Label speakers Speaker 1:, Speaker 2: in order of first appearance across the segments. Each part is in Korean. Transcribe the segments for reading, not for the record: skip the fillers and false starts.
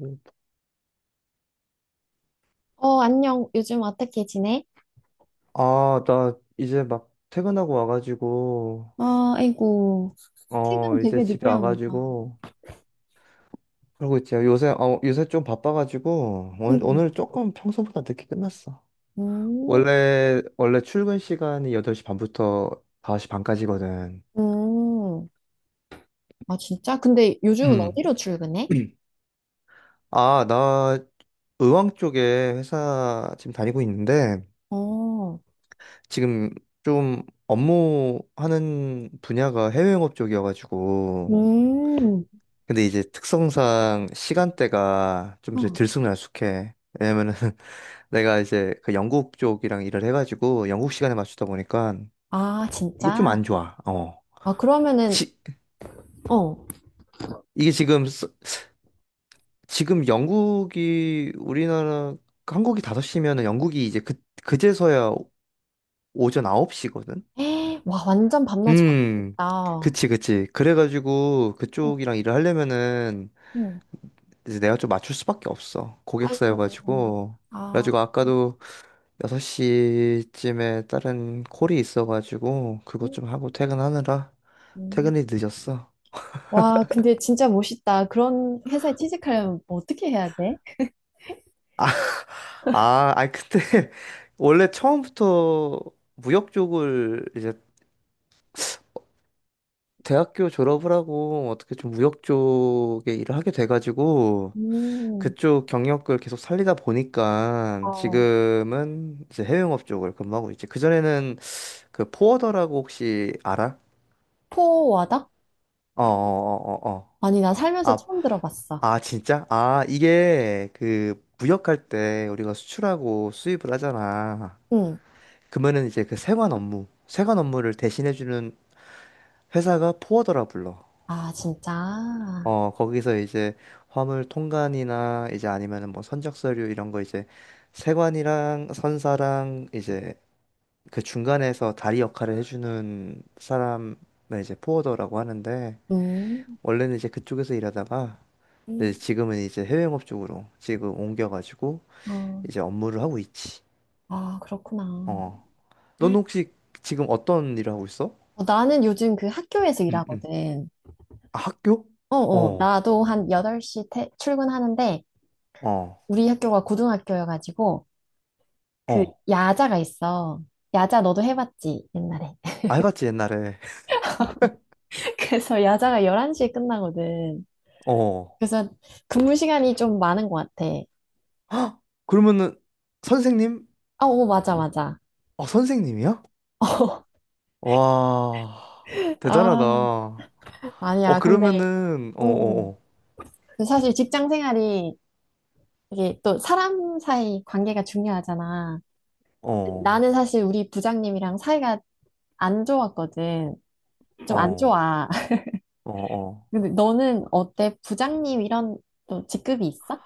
Speaker 1: 음.
Speaker 2: 어, 안녕. 요즘 어떻게 지내?
Speaker 1: 아, 나 이제 막 퇴근하고 와가지고,
Speaker 2: 아, 아이고. 퇴근
Speaker 1: 어, 이제
Speaker 2: 되게
Speaker 1: 집에
Speaker 2: 늦게 합니다.
Speaker 1: 와가지고, 그러고 있지. 요새 좀 바빠가지고, 오늘,
Speaker 2: 음.
Speaker 1: 오늘 조금 평소보다 늦게 끝났어.
Speaker 2: 음,
Speaker 1: 원래 출근 시간이 8시 반부터 5시 반까지거든.
Speaker 2: 음. 아, 진짜? 근데 요즘은
Speaker 1: 음,
Speaker 2: 어디로 출근해?
Speaker 1: 아, 나 의왕 쪽에 회사 지금 다니고 있는데,
Speaker 2: 어,
Speaker 1: 지금 좀 업무하는 분야가 해외 영업 쪽이어가지고,
Speaker 2: 음.
Speaker 1: 근데 이제 특성상 시간대가 좀 이제
Speaker 2: 어.
Speaker 1: 들쑥날쑥해. 왜냐면은 내가 이제 그 영국 쪽이랑 일을 해가지고 영국 시간에 맞추다 보니까
Speaker 2: 아,
Speaker 1: 이게 좀
Speaker 2: 진짜?
Speaker 1: 안 좋아. 어.
Speaker 2: 아, 그러면은,
Speaker 1: 시,
Speaker 2: 어.
Speaker 1: 이게 지금, 지금 영국이 우리나라, 한국이 5시면은 영국이 이제 그, 그제서야 오전 9시거든?
Speaker 2: 에 와, 완전 밤낮이
Speaker 1: 음.
Speaker 2: 바뀌겠다. 어,
Speaker 1: 그치, 그치. 그래가지고 그쪽이랑 일을 하려면은
Speaker 2: 응.
Speaker 1: 이제 내가 좀 맞출 수밖에 없어.
Speaker 2: 아이고.
Speaker 1: 고객사여가지고.
Speaker 2: 아,
Speaker 1: 그래가지고 아까도 6시쯤에 다른 콜이 있어가지고 그것
Speaker 2: 음.
Speaker 1: 좀 하고 퇴근하느라
Speaker 2: 음.
Speaker 1: 퇴근이 늦었어.
Speaker 2: 와, 근데 진짜 멋있다. 그런 회사에 취직하려면 뭐 어떻게 해야 돼?
Speaker 1: 아, 아니 근데 원래 처음부터 무역 쪽을 이제 대학교 졸업을 하고 어떻게 좀 무역 쪽에 일을 하게 돼가지고
Speaker 2: 음.
Speaker 1: 그쪽 경력을 계속 살리다 보니까
Speaker 2: 어,
Speaker 1: 지금은 이제 해외영업 쪽을 근무하고 있지. 그전에는 그 포워더라고 혹시 알아?
Speaker 2: 포워드?
Speaker 1: 어어어어 어. 어,
Speaker 2: 아니, 나
Speaker 1: 어, 어,
Speaker 2: 살면서
Speaker 1: 어. 아
Speaker 2: 처음 들어봤어.
Speaker 1: 아, 진짜? 아, 이게 그 무역할 때 우리가 수출하고 수입을 하잖아.
Speaker 2: 응.
Speaker 1: 그러면은 이제 그 세관 업무를 대신해주는 회사가 포워더라 불러.
Speaker 2: 아, 진짜?
Speaker 1: 어, 거기서 이제 화물 통관이나 이제 아니면은 뭐 선적 서류 이런 거 이제 세관이랑 선사랑 이제 그 중간에서 다리 역할을 해주는 사람을 이제 포워더라고 하는데
Speaker 2: 음.
Speaker 1: 원래는 이제 그쪽에서 일하다가 이제
Speaker 2: 음.
Speaker 1: 지금은 이제 해외 영업 쪽으로 지금 옮겨가지고
Speaker 2: 어.
Speaker 1: 이제 업무를 하고 있지.
Speaker 2: 아, 그렇구나.
Speaker 1: 어. 넌 혹시 지금 어떤 일을 하고 있어?
Speaker 2: 어, 나는 요즘 그 학교에서
Speaker 1: 응, 응.
Speaker 2: 일하거든.
Speaker 1: 아, 학교?
Speaker 2: 어, 어.
Speaker 1: 어,
Speaker 2: 나도 한 8시 출근하는데,
Speaker 1: 어,
Speaker 2: 우리 학교가 고등학교여가지고, 그
Speaker 1: 어.
Speaker 2: 야자가 있어. 야자 너도 해봤지, 옛날에.
Speaker 1: 아, 해봤지, 옛날에.
Speaker 2: 그래서 야자가 11시에 끝나거든.
Speaker 1: 어.
Speaker 2: 그래서 근무 시간이 좀 많은 것 같아.
Speaker 1: 헉! 그러면은, 선생님?
Speaker 2: 아, 오, 맞아, 맞아.
Speaker 1: 어, 선생님이야? 와, 대단하다.
Speaker 2: 아,
Speaker 1: 어,
Speaker 2: 아니야. 근데,
Speaker 1: 그러면은, 어,
Speaker 2: 음.
Speaker 1: 어,
Speaker 2: 그 사실 직장 생활이 이게 또 사람 사이 관계가 중요하잖아.
Speaker 1: 어,
Speaker 2: 나는 사실 우리 부장님이랑 사이가 안 좋았거든.
Speaker 1: 어,
Speaker 2: 좀 안
Speaker 1: 어,
Speaker 2: 좋아.
Speaker 1: 어, 어.
Speaker 2: 근데 너는 어때? 부장님 이런 또 직급이 있어?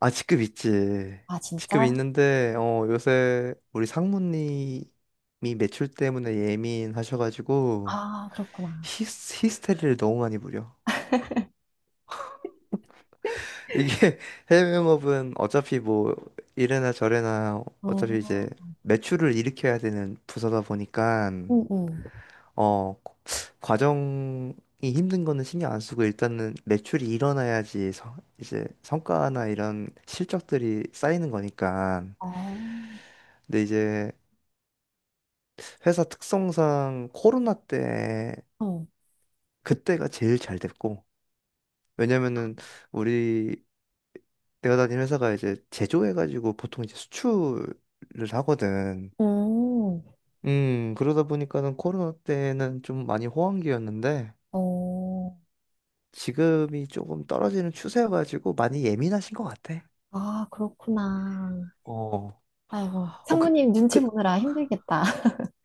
Speaker 1: 아, 직급 있지.
Speaker 2: 아,
Speaker 1: 직급
Speaker 2: 진짜?
Speaker 1: 있는데, 어, 요새 우리 상무님이 매출 때문에 예민하셔가지고,
Speaker 2: 아, 그렇구나.
Speaker 1: 히스테리를 너무 많이 부려. 이게 해외영업은 어차피 뭐 이래나 저래나 어차피 이제
Speaker 2: 어,
Speaker 1: 매출을 일으켜야 되는 부서다 보니까
Speaker 2: 응, 응.
Speaker 1: 어 과정이 힘든 거는 신경 안 쓰고 일단은 매출이 일어나야지 이제 성과나 이런 실적들이 쌓이는 거니까.
Speaker 2: 아,
Speaker 1: 근데 이제 회사 특성상 코로나 때
Speaker 2: 어,
Speaker 1: 그때가 제일 잘 됐고 왜냐면은 우리 내가 다니는 회사가 이제 제조해가지고 보통 이제 수출을 하거든.
Speaker 2: 음,
Speaker 1: 그러다 보니까는 코로나 때는 좀 많이 호황기였는데
Speaker 2: 어,
Speaker 1: 지금이 조금 떨어지는 추세여가지고 많이 예민하신 것 같아.
Speaker 2: 아, 그렇구나.
Speaker 1: 어,
Speaker 2: 아이고,
Speaker 1: 어,
Speaker 2: 상무님 눈치
Speaker 1: 그,
Speaker 2: 보느라 힘들겠다.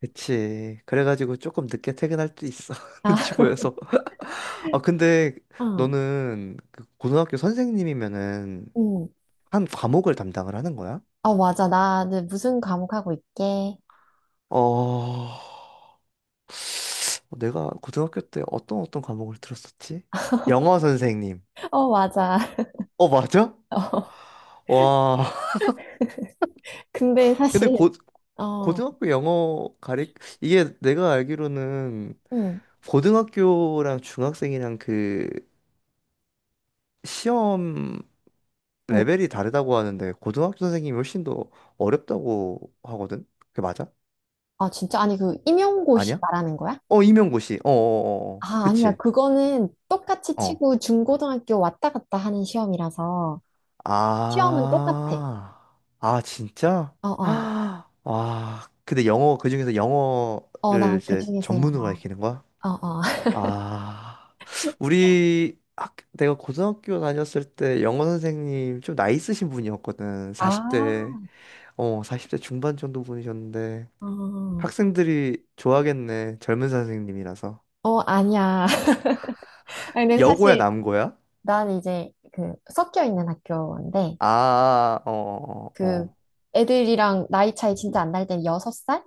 Speaker 1: 그치. 그래가지고 조금 늦게 퇴근할 수도 있어. 눈치
Speaker 2: 아,
Speaker 1: 보여서. 아, 근데
Speaker 2: 응,
Speaker 1: 너는 그 고등학교 선생님이면은
Speaker 2: 응.
Speaker 1: 한 과목을 담당을 하는 거야?
Speaker 2: 아, 맞아. 나는 무슨 과목 하고 있게?
Speaker 1: 어, 어, 내가 고등학교 때 어떤 과목을 들었었지? 영어 선생님.
Speaker 2: 어, 맞아.
Speaker 1: 어, 맞아?
Speaker 2: 어,
Speaker 1: 와.
Speaker 2: 근데
Speaker 1: 근데
Speaker 2: 사실,
Speaker 1: 고,
Speaker 2: 어,
Speaker 1: 고등학교 영어 가리, 이게 내가 알기로는
Speaker 2: 응,
Speaker 1: 고등학교랑 중학생이랑 그 시험
Speaker 2: 응.
Speaker 1: 레벨이 다르다고 하는데 고등학교 선생님이 훨씬 더 어렵다고 하거든? 그게 맞아?
Speaker 2: 아, 진짜? 아니, 그 임용고시
Speaker 1: 아니야?
Speaker 2: 말하는 거야?
Speaker 1: 어, 임용고시. 어어어어.
Speaker 2: 아, 아니야.
Speaker 1: 그치?
Speaker 2: 그거는 똑같이
Speaker 1: 어.
Speaker 2: 치고 중고등학교 왔다 갔다 하는 시험이라서 시험은 똑같아.
Speaker 1: 아, 진짜?
Speaker 2: 어, 어.
Speaker 1: 아, 와, 근데 영어, 그중에서
Speaker 2: 어, 나
Speaker 1: 영어를 이제
Speaker 2: 그중에서
Speaker 1: 전문으로
Speaker 2: 영어.
Speaker 1: 가르치는 거야?
Speaker 2: 어, 어.
Speaker 1: 아, 내가 고등학교 다녔을 때 영어 선생님 좀 나이 있으신 분이었거든. 40대,
Speaker 2: 아.
Speaker 1: 어, 40대 중반 정도 분이셨는데.
Speaker 2: 어,
Speaker 1: 학생들이 좋아하겠네. 젊은 선생님이라서.
Speaker 2: 어, 아니야. 아니, 근데
Speaker 1: 여고야,
Speaker 2: 사실
Speaker 1: 남고야?
Speaker 2: 난 이제 그 섞여 있는 학교인데
Speaker 1: 아, 아, 아. 어, 어, 어.
Speaker 2: 그
Speaker 1: 어.
Speaker 2: 애들이랑 나이 차이 진짜 안 날 땐 여섯 살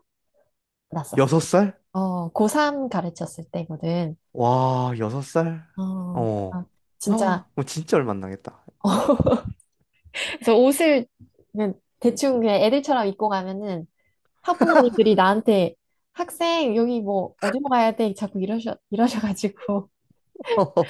Speaker 2: 났었어.
Speaker 1: 여섯 살?
Speaker 2: 어, 고3 가르쳤을 때거든.
Speaker 1: 와, 여섯 살?
Speaker 2: 어, 아,
Speaker 1: 어.
Speaker 2: 진짜.
Speaker 1: 아, 뭐 진짜 얼마 안 나겠다.
Speaker 2: 어, 그래서 옷을 그냥 대충 그냥 애들처럼 입고 가면은 학부모님들이 나한테 학생 여기 뭐 어디로 가야 돼? 자꾸 이러셔가지고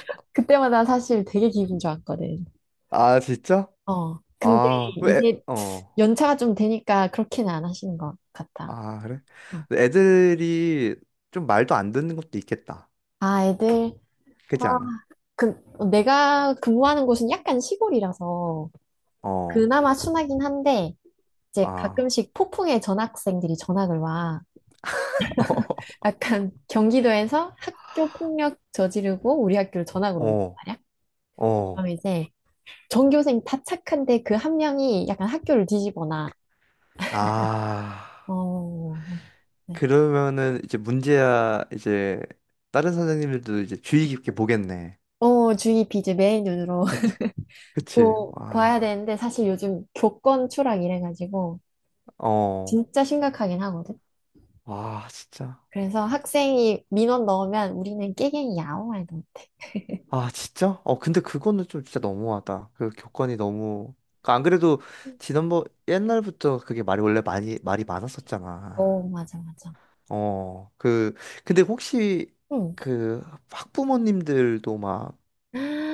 Speaker 2: 그때마다 사실 되게 기분 좋았거든.
Speaker 1: 아, 진짜?
Speaker 2: 어, 근데
Speaker 1: 아, 왜,
Speaker 2: 이제
Speaker 1: 어.
Speaker 2: 연차가 좀 되니까 그렇게는 안 하시는 것 같아.
Speaker 1: 아, 그래?
Speaker 2: 어.
Speaker 1: 근데 애들이 좀 말도 안 듣는 것도 있겠다.
Speaker 2: 아, 애들
Speaker 1: 그렇지 않아?
Speaker 2: 내가 근무하는 곳은 약간 시골이라서
Speaker 1: 어.
Speaker 2: 그나마 순하긴 한데 이제
Speaker 1: 아.
Speaker 2: 가끔씩 폭풍에 전학생들이 전학을 와. 약간 경기도에서 학교 폭력 저지르고 우리 학교를 전학을 온
Speaker 1: 어.
Speaker 2: 말이야. 그럼
Speaker 1: 어.
Speaker 2: 이제 전교생 다 착한데 그 한 명이 약간 학교를 뒤집어놔.
Speaker 1: 아.
Speaker 2: 어, 네.
Speaker 1: 그러면은 이제 문제야 이제 다른 선생님들도 이제 주의 깊게 보겠네.
Speaker 2: 어, 주의 비제 매일 눈으로
Speaker 1: 그치? 그치?
Speaker 2: 뭐 봐야
Speaker 1: 와.
Speaker 2: 되는데 사실 요즘 교권 추락 이래가지고
Speaker 1: 어.
Speaker 2: 진짜 심각하긴 하거든.
Speaker 1: 와, 진짜.
Speaker 2: 그래서 학생이 민원 넣으면 우리는 깨갱이야. 아무 말도
Speaker 1: 아, 진짜? 어, 근데 그거는 좀 진짜 너무하다. 그 교권이 너무. 그안 그래도
Speaker 2: 없고.
Speaker 1: 지난번 옛날부터 그게 말이 원래 많이 말이 많았었잖아.
Speaker 2: 어, 맞아, 맞아.
Speaker 1: 어, 그 근데 혹시
Speaker 2: 응.
Speaker 1: 그 학부모님들도 막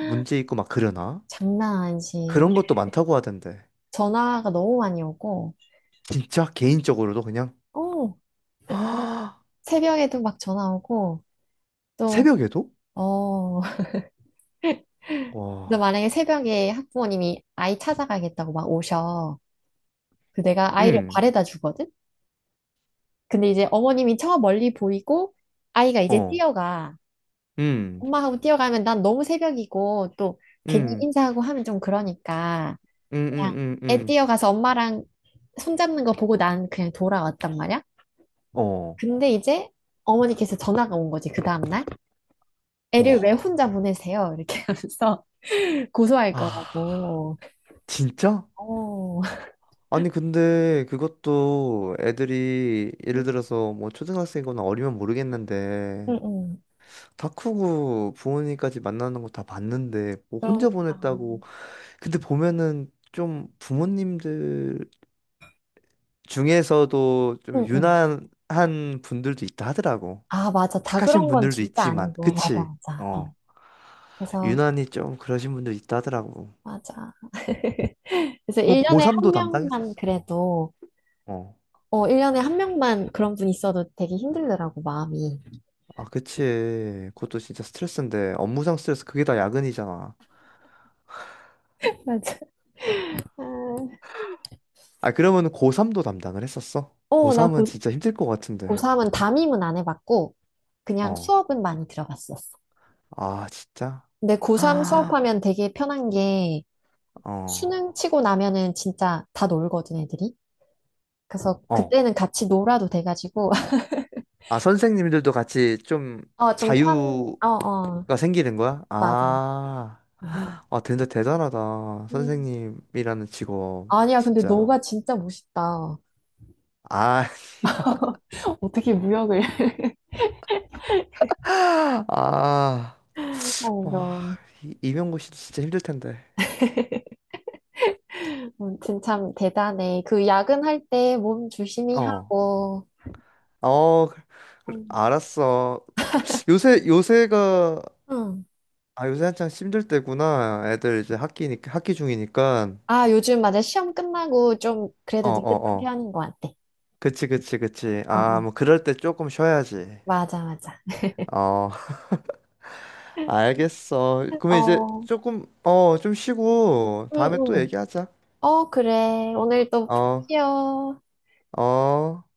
Speaker 1: 문제 있고 막 그러나?
Speaker 2: 장난 아니지.
Speaker 1: 그런 것도 많다고 하던데.
Speaker 2: 전화가 너무 많이 오고.
Speaker 1: 진짜 개인적으로도 그냥
Speaker 2: 어,
Speaker 1: 아,
Speaker 2: 새벽에도 막 전화 오고 또
Speaker 1: 새벽에도?
Speaker 2: 어, 그래서
Speaker 1: 와.
Speaker 2: 만약에 새벽에 학부모님이 아이 찾아가겠다고 막 오셔. 그 내가 아이를
Speaker 1: 음.
Speaker 2: 발에다 주거든. 근데 이제 어머님이 저 멀리 보이고 아이가 이제
Speaker 1: 어.
Speaker 2: 뛰어가.
Speaker 1: 음.
Speaker 2: 엄마 하고 뛰어가면 난 너무 새벽이고 또 괜히
Speaker 1: 음.
Speaker 2: 인사하고 하면 좀 그러니까
Speaker 1: 음.
Speaker 2: 그냥
Speaker 1: 음. 음.
Speaker 2: 애
Speaker 1: 음.
Speaker 2: 뛰어가서 엄마랑 손잡는 거 보고 난 그냥 돌아왔단 말이야.
Speaker 1: 어.
Speaker 2: 근데 이제 어머니께서 전화가 온 거지 그 다음날 애를 왜
Speaker 1: 어.
Speaker 2: 혼자 보내세요? 이렇게 하면서 고소할
Speaker 1: 아,
Speaker 2: 거라고.
Speaker 1: 진짜?
Speaker 2: 어,
Speaker 1: 아니, 근데 그것도 애들이 예를 들어서 뭐 초등학생이거나 어리면 모르겠는데
Speaker 2: 응응.
Speaker 1: 다 크고 부모님까지 만나는 거 다 봤는데 뭐
Speaker 2: 그런,
Speaker 1: 혼자
Speaker 2: 아,
Speaker 1: 보냈다고. 근데 보면은 좀 부모님들 중에서도 좀
Speaker 2: 응응.
Speaker 1: 유난한 분들도 있다 하더라고.
Speaker 2: 아, 맞아. 다 네.
Speaker 1: 착하신
Speaker 2: 그런 건
Speaker 1: 분들도
Speaker 2: 진짜
Speaker 1: 있지만,
Speaker 2: 아니고. 맞아,
Speaker 1: 그치?
Speaker 2: 맞아. 어.
Speaker 1: 어,
Speaker 2: 그래서,
Speaker 1: 유난히 좀 그러신 분들 있다 하더라고.
Speaker 2: 맞아. 그래서
Speaker 1: 그럼 고
Speaker 2: 1년에 한
Speaker 1: 도
Speaker 2: 명만
Speaker 1: 담당했었어. 어.
Speaker 2: 그래도,
Speaker 1: 어.
Speaker 2: 어, 1년에 한 명만 그런 분 있어도 되게 힘들더라고, 마음이.
Speaker 1: 아, 그치. 그것도 진짜 스트레스인데, 업무상 스트레스 그게 다 야근이잖아.
Speaker 2: 맞아. 아,
Speaker 1: 아, 그러면 고3도 담당을 했었어?
Speaker 2: 어, 나
Speaker 1: 고3은 진짜 힘들 것 같은데.
Speaker 2: 고3은 담임은 안 해봤고, 그냥
Speaker 1: 어.
Speaker 2: 수업은 많이 들어봤었어.
Speaker 1: 아, 진짜?
Speaker 2: 근데 고3
Speaker 1: 아,
Speaker 2: 수업하면 되게 편한 게,
Speaker 1: 어.
Speaker 2: 수능 치고 나면은 진짜 다 놀거든, 애들이. 그래서
Speaker 1: 어.
Speaker 2: 그때는 같이 놀아도 돼가지고,
Speaker 1: 아, 선생님들도 같이 좀
Speaker 2: 어, 어,
Speaker 1: 자유가
Speaker 2: 어,
Speaker 1: 생기는 거야?
Speaker 2: 맞아.
Speaker 1: 아.
Speaker 2: 그래서.
Speaker 1: 아, 근데 대단하다.
Speaker 2: 음.
Speaker 1: 선생님이라는 직업.
Speaker 2: 아니야, 근데
Speaker 1: 진짜.
Speaker 2: 너가 진짜 멋있다.
Speaker 1: 아,
Speaker 2: 어떻게 무역을.
Speaker 1: 아. 와,
Speaker 2: 아이고,
Speaker 1: 이명고 씨도 진짜 힘들 텐데.
Speaker 2: 진짜 참 대단해. 그 야근할 때 몸 조심히
Speaker 1: 어.
Speaker 2: 하고.
Speaker 1: 어, 그래,
Speaker 2: 음.
Speaker 1: 알았어. 요새가
Speaker 2: 응.
Speaker 1: 아 요새 한창 힘들 때구나. 애들 이제 학기니까 학기 중이니까.
Speaker 2: 아, 요즘 맞아. 시험 끝나고 좀
Speaker 1: 어,
Speaker 2: 그래도 느긋한
Speaker 1: 어, 어.
Speaker 2: 편인 것 같아.
Speaker 1: 그치, 그치, 그치.
Speaker 2: 어,
Speaker 1: 아,
Speaker 2: 어.
Speaker 1: 뭐 그럴 때 조금 쉬어야지.
Speaker 2: 맞아, 맞아.
Speaker 1: 어, 알겠어. 그러면 이제
Speaker 2: 어,
Speaker 1: 조금 어, 좀 쉬고
Speaker 2: 응,
Speaker 1: 다음에 또
Speaker 2: 응.
Speaker 1: 얘기하자.
Speaker 2: 어, 그래. 오늘 또 푹
Speaker 1: 어,
Speaker 2: 쉬어.
Speaker 1: 어.